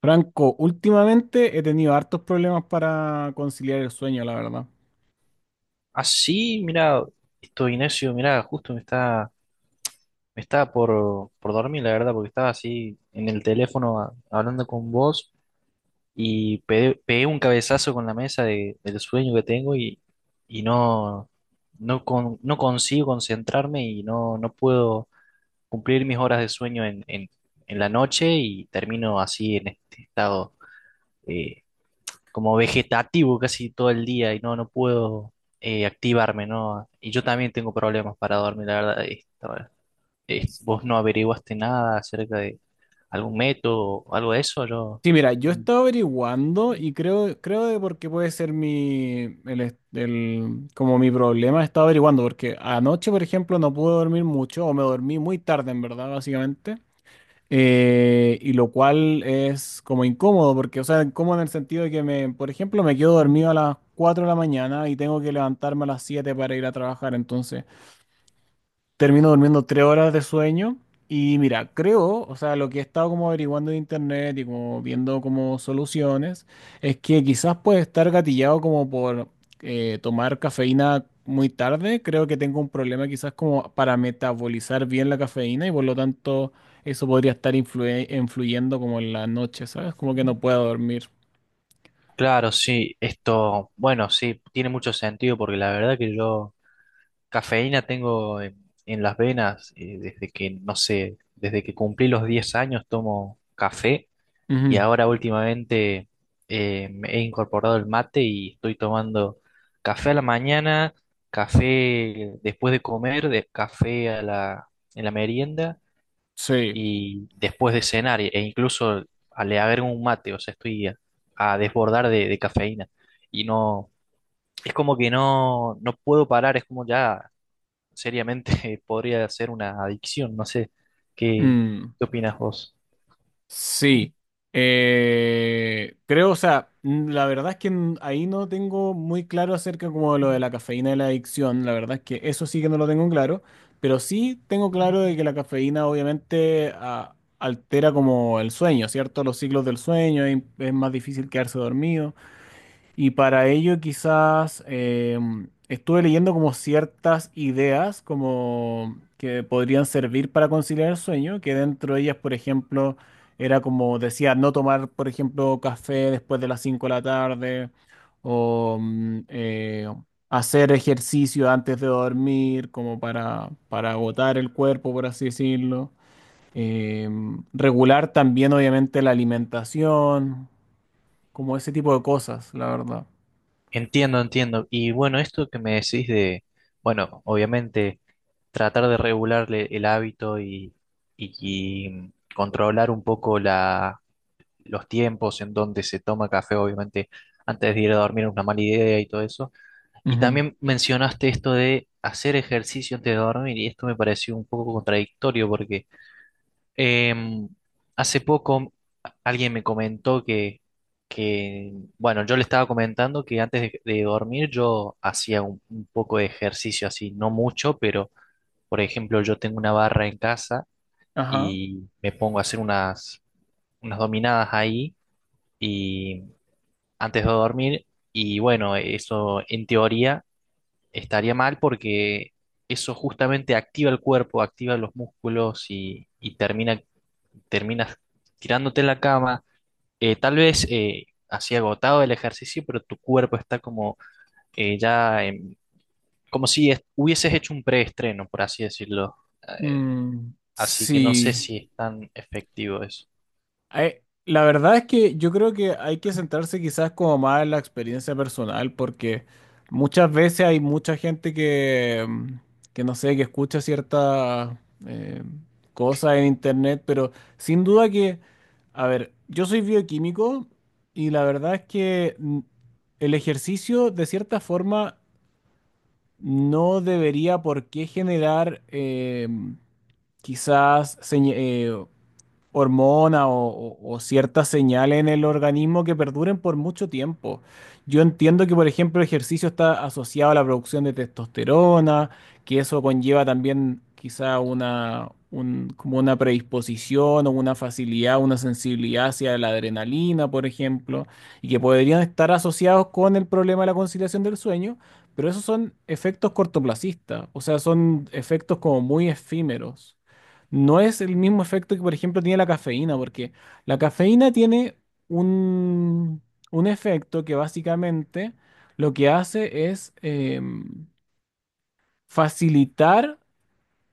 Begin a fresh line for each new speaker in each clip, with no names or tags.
Franco, últimamente he tenido hartos problemas para conciliar el sueño, la verdad.
Ah, sí, mira, esto Ignacio, mira, justo me está, me estaba por dormir, la verdad, porque estaba así en el teléfono hablando con vos y pegué un cabezazo con la mesa del sueño que tengo y no, no, no consigo concentrarme y no, no puedo cumplir mis horas de sueño en la noche y termino así en este estado eh, como vegetativo casi todo el día y no, no puedo activarme, ¿no? Y yo también tengo problemas para dormir, la verdad. ¿Vos no averiguaste nada acerca de algún método o algo de eso? Yo...
Sí, mira, yo he
Mm,
estado averiguando y creo de por qué puede ser mi, el, est- el- como mi problema. He estado averiguando, porque anoche, por ejemplo, no pude dormir mucho o me dormí muy tarde, en verdad, básicamente. Y lo cual es como incómodo, porque, o sea, incómodo en el sentido de que, por ejemplo, me quedo dormido a las 4 de la mañana y tengo que levantarme a las 7 para ir a trabajar, entonces... Termino durmiendo 3 horas de sueño y mira, creo, o sea, lo que he estado como averiguando en internet y como viendo como soluciones, es que quizás puede estar gatillado como por tomar cafeína muy tarde. Creo que tengo un problema quizás como para metabolizar bien la cafeína y por lo tanto eso podría estar influyendo como en la noche, ¿sabes? Como que no puedo dormir.
claro, sí, esto, bueno, sí, tiene mucho sentido porque la verdad que yo cafeína tengo en las venas, desde que, no sé, desde que cumplí los 10 años tomo café. Y
Ujú.
ahora últimamente me he incorporado el mate y estoy tomando café a la mañana, café después de comer, de café a la, en la merienda
Sí.
y después de cenar. E incluso le agrego un mate, o sea, estoy a desbordar de cafeína. Y no, es como que no, no puedo parar, es como ya seriamente podría ser una adicción, no sé, ¿qué,
Mm.
qué opinas vos?
Sí, creo, o sea, la verdad es que ahí no tengo muy claro acerca como de lo de la cafeína y la adicción, la verdad es que eso sí que no lo tengo claro, pero sí tengo claro de que la cafeína obviamente altera como el sueño, ¿cierto? Los ciclos del sueño, y es más difícil quedarse dormido. Y para ello quizás estuve leyendo como ciertas ideas como que podrían servir para conciliar el sueño, que dentro de ellas, por ejemplo, era como decía, no tomar, por ejemplo, café después de las 5 de la tarde o hacer ejercicio antes de dormir como para agotar el cuerpo, por así decirlo. Regular también, obviamente, la alimentación, como ese tipo de cosas, la verdad.
Entiendo, entiendo. Y bueno, esto que me decís de, bueno, obviamente tratar de regularle el hábito y, y- y controlar un poco la, los tiempos en donde se toma café; obviamente antes de ir a dormir es una mala idea y todo eso. Y
Ujú.
también mencionaste esto de hacer ejercicio antes de dormir y esto me pareció un poco contradictorio porque... Em, hace poco alguien me comentó que, bueno, yo le estaba comentando que antes de dormir yo hacía un poco de ejercicio así, no mucho, pero por ejemplo yo tengo una barra en casa
Ajá.
y me pongo a hacer unas, unas dominadas ahí y antes de dormir, y bueno, eso en teoría estaría mal porque eso justamente activa el cuerpo, activa los músculos y termina, terminas tirándote en la cama, tal vez, así agotado del ejercicio, pero tu cuerpo está como eh, ya, em, como si hubieses hecho un preestreno, por así decirlo. Eh,
Mm,
Así que no sé
sí.
si es tan efectivo eso.
Ay, la verdad es que yo creo que hay que centrarse quizás como más en la experiencia personal, porque muchas veces hay mucha gente que no sé, que escucha ciertas eh, cosas en internet, pero sin duda que, a ver, yo soy bioquímico y la verdad es que el ejercicio de cierta forma no debería por qué generar... quizás hormona o ciertas señales en el organismo que perduren por mucho tiempo. Yo entiendo que, por ejemplo, el ejercicio está asociado a la producción de testosterona, que eso conlleva también quizá como una predisposición o una facilidad, una sensibilidad hacia la adrenalina, por ejemplo, y que podrían estar asociados con el problema de la conciliación del sueño. Pero esos son efectos cortoplacistas, o sea, son efectos como muy efímeros. No es el mismo efecto que, por ejemplo, tiene la cafeína, porque la cafeína tiene un, un efecto que básicamente lo que hace es facilitar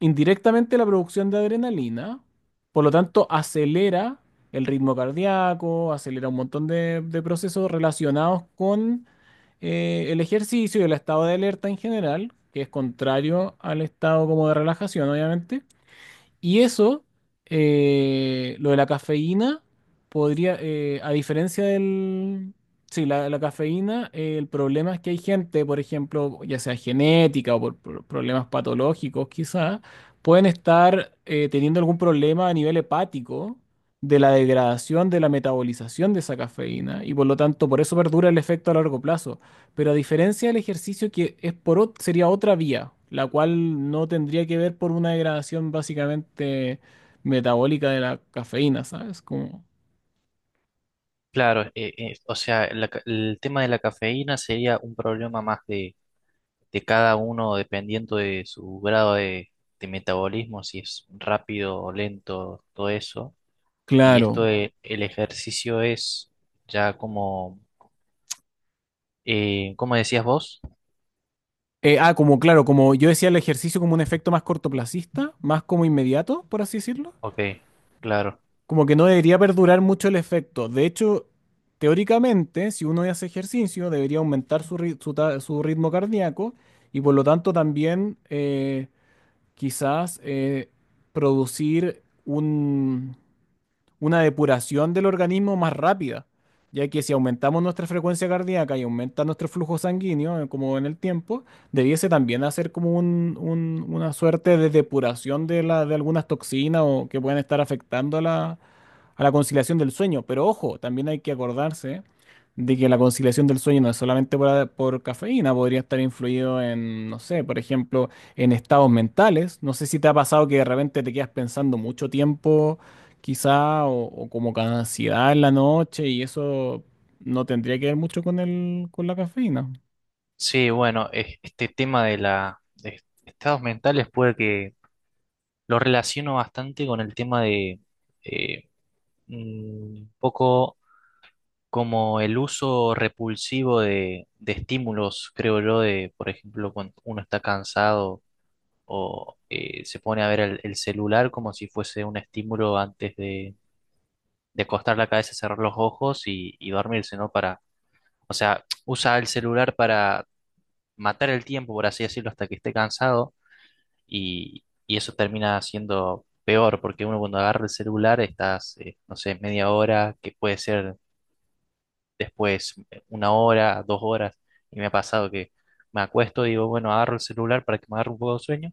indirectamente la producción de adrenalina, por lo tanto acelera el ritmo cardíaco, acelera un montón de procesos relacionados con el ejercicio y el estado de alerta en general, que es contrario al estado como de relajación, obviamente. Y eso, lo de la cafeína, podría, a diferencia del... Sí, la cafeína, el problema es que hay gente, por ejemplo, ya sea genética o por problemas patológicos quizás, pueden estar teniendo algún problema a nivel hepático de la degradación, de la metabolización de esa cafeína y por lo tanto por eso perdura el efecto a largo plazo. Pero a diferencia del ejercicio que sería otra vía, la cual no tendría que ver por una degradación básicamente metabólica de la cafeína, ¿sabes?
Claro, o sea, la el tema de la cafeína sería un problema más de cada uno dependiendo de su grado de metabolismo, si es rápido o lento, todo eso. Y
Claro.
esto el ejercicio es ya como... ¿cómo decías vos?
Como claro, como yo decía el ejercicio como un efecto más cortoplacista, más como inmediato, por así decirlo.
Ok, claro.
Como que no debería perdurar mucho el efecto. De hecho, teóricamente, si uno hace ejercicio, debería aumentar su, ri- su ta- su ritmo cardíaco y por lo tanto también... quizás producir una depuración del organismo más rápida, ya que si aumentamos nuestra frecuencia cardíaca y aumenta nuestro flujo sanguíneo, como en el tiempo, debiese también hacer como una suerte de depuración de algunas toxinas o que pueden estar afectando a la conciliación del sueño. Pero ojo, también hay que acordarse de que la conciliación del sueño no es solamente por cafeína, podría estar influido en, no sé, por ejemplo, en estados mentales. No sé si te ha pasado que de repente te quedas pensando mucho tiempo quizá, o como con ansiedad en la noche, y eso no tendría que ver mucho con la cafeína.
Sí, bueno, este tema de la de estados mentales puede que lo relaciono bastante con el tema de eh, un poco como el uso repulsivo de estímulos, creo yo, de, por ejemplo, cuando uno está cansado o se pone a ver el celular como si fuese un estímulo antes de acostar la cabeza, cerrar los ojos y dormirse, ¿no? Para, o sea, usa el celular para matar el tiempo, por así decirlo, hasta que esté cansado, y eso termina siendo peor, porque uno cuando agarra el celular estás, no sé, media hora, que puede ser después 1 hora, 2 horas, y me ha pasado que me acuesto y digo, bueno, agarro el celular para que me agarre un poco de sueño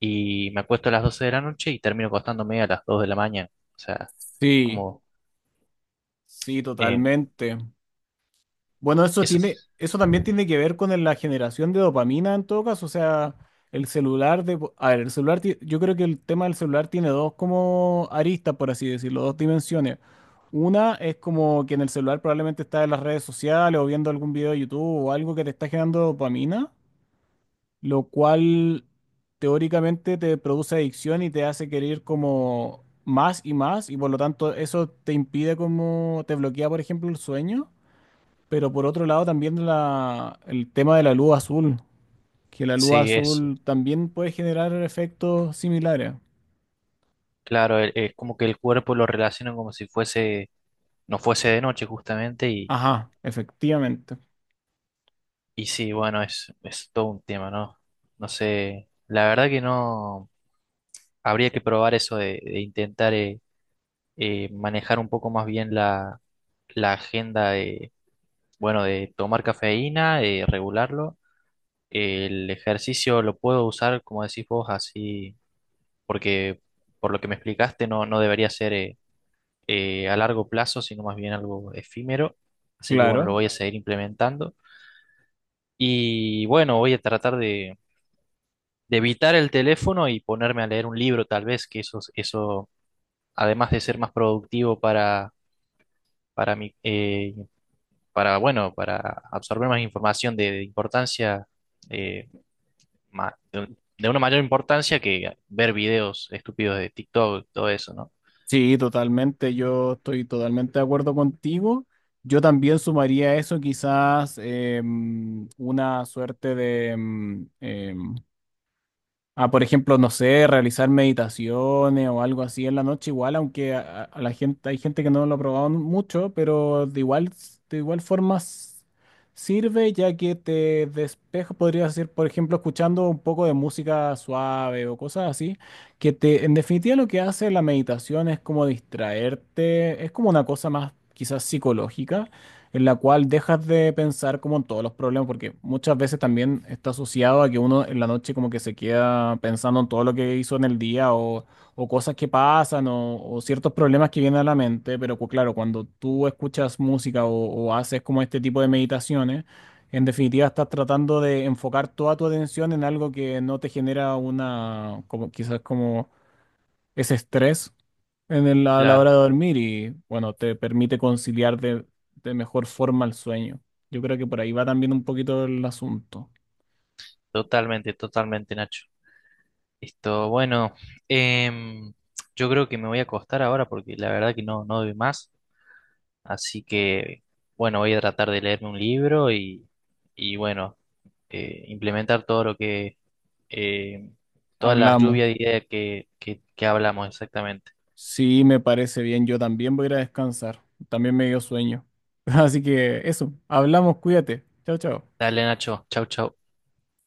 y me acuesto a las 12 de la noche y termino acostándome a las 2 de la mañana, o sea,
Sí,
como,
sí,
eh,
totalmente. Bueno, eso
eso,
tiene,
es-
eso también tiene que ver con la generación de dopamina en todo caso, o sea, el celular de, a ver, el celular, yo creo que el tema del celular tiene dos como aristas, por así decirlo, dos dimensiones. Una es como que en el celular probablemente estás en las redes sociales o viendo algún video de YouTube o algo que te está generando dopamina, lo cual teóricamente te produce adicción y te hace querer como más y más, y por lo tanto eso te impide como, te bloquea, por ejemplo, el sueño, pero por otro lado también la, el tema de la luz azul, que la luz
sí, eso.
azul también puede generar efectos similares.
Claro, es como que el cuerpo lo relaciona como si fuese, no fuese de noche justamente.
Ajá, efectivamente.
Y sí, bueno, es todo un tema, ¿no? No sé, la verdad que no, habría que probar eso de intentar manejar un poco más bien la, la agenda de, bueno, de tomar cafeína, de regularlo. El ejercicio lo puedo usar, como decís vos, así, porque por lo que me explicaste no, no debería ser a largo plazo, sino más bien algo efímero. Así que bueno, lo
Claro.
voy a seguir implementando. Y bueno, voy a tratar de evitar el teléfono y ponerme a leer un libro, tal vez, que eso, además de ser más productivo para mi, para, bueno, para absorber más información de importancia, eh, de una mayor importancia que ver videos estúpidos de TikTok, todo eso, ¿no?
Sí, totalmente. Yo estoy totalmente de acuerdo contigo. Yo también sumaría a eso quizás una suerte de, por ejemplo, no sé, realizar meditaciones o algo así en la noche, igual, aunque a la gente, hay gente que no lo ha probado mucho, pero de igual forma sirve ya que te despeja, podrías hacer, por ejemplo, escuchando un poco de música suave o cosas así, que en definitiva lo que hace la meditación es como distraerte, es como una cosa más quizás psicológica en la cual dejas de pensar como en todos los problemas, porque muchas veces también está asociado a que uno en la noche como que se queda pensando en todo lo que hizo en el día o cosas que pasan o ciertos problemas que vienen a la mente, pero claro, cuando tú escuchas música o haces como este tipo de meditaciones, en definitiva estás tratando de enfocar toda tu atención en algo que no te genera una, como, quizás como ese estrés a la hora
Claro,
de dormir y bueno, te permite conciliar de mejor forma el sueño. Yo creo que por ahí va también un poquito el asunto.
totalmente, totalmente, Nacho. Esto, bueno, em, yo creo que me voy a acostar ahora porque la verdad que no, no doy más. Así que, bueno, voy a tratar de leerme un libro y bueno, implementar todo lo que, eh, todas las
Hablamos.
lluvias de ideas que hablamos exactamente.
Sí, me parece bien. Yo también voy a ir a descansar. También me dio sueño. Así que eso, hablamos, cuídate. Chao, chao.
Dale, Nacho, chau, chau.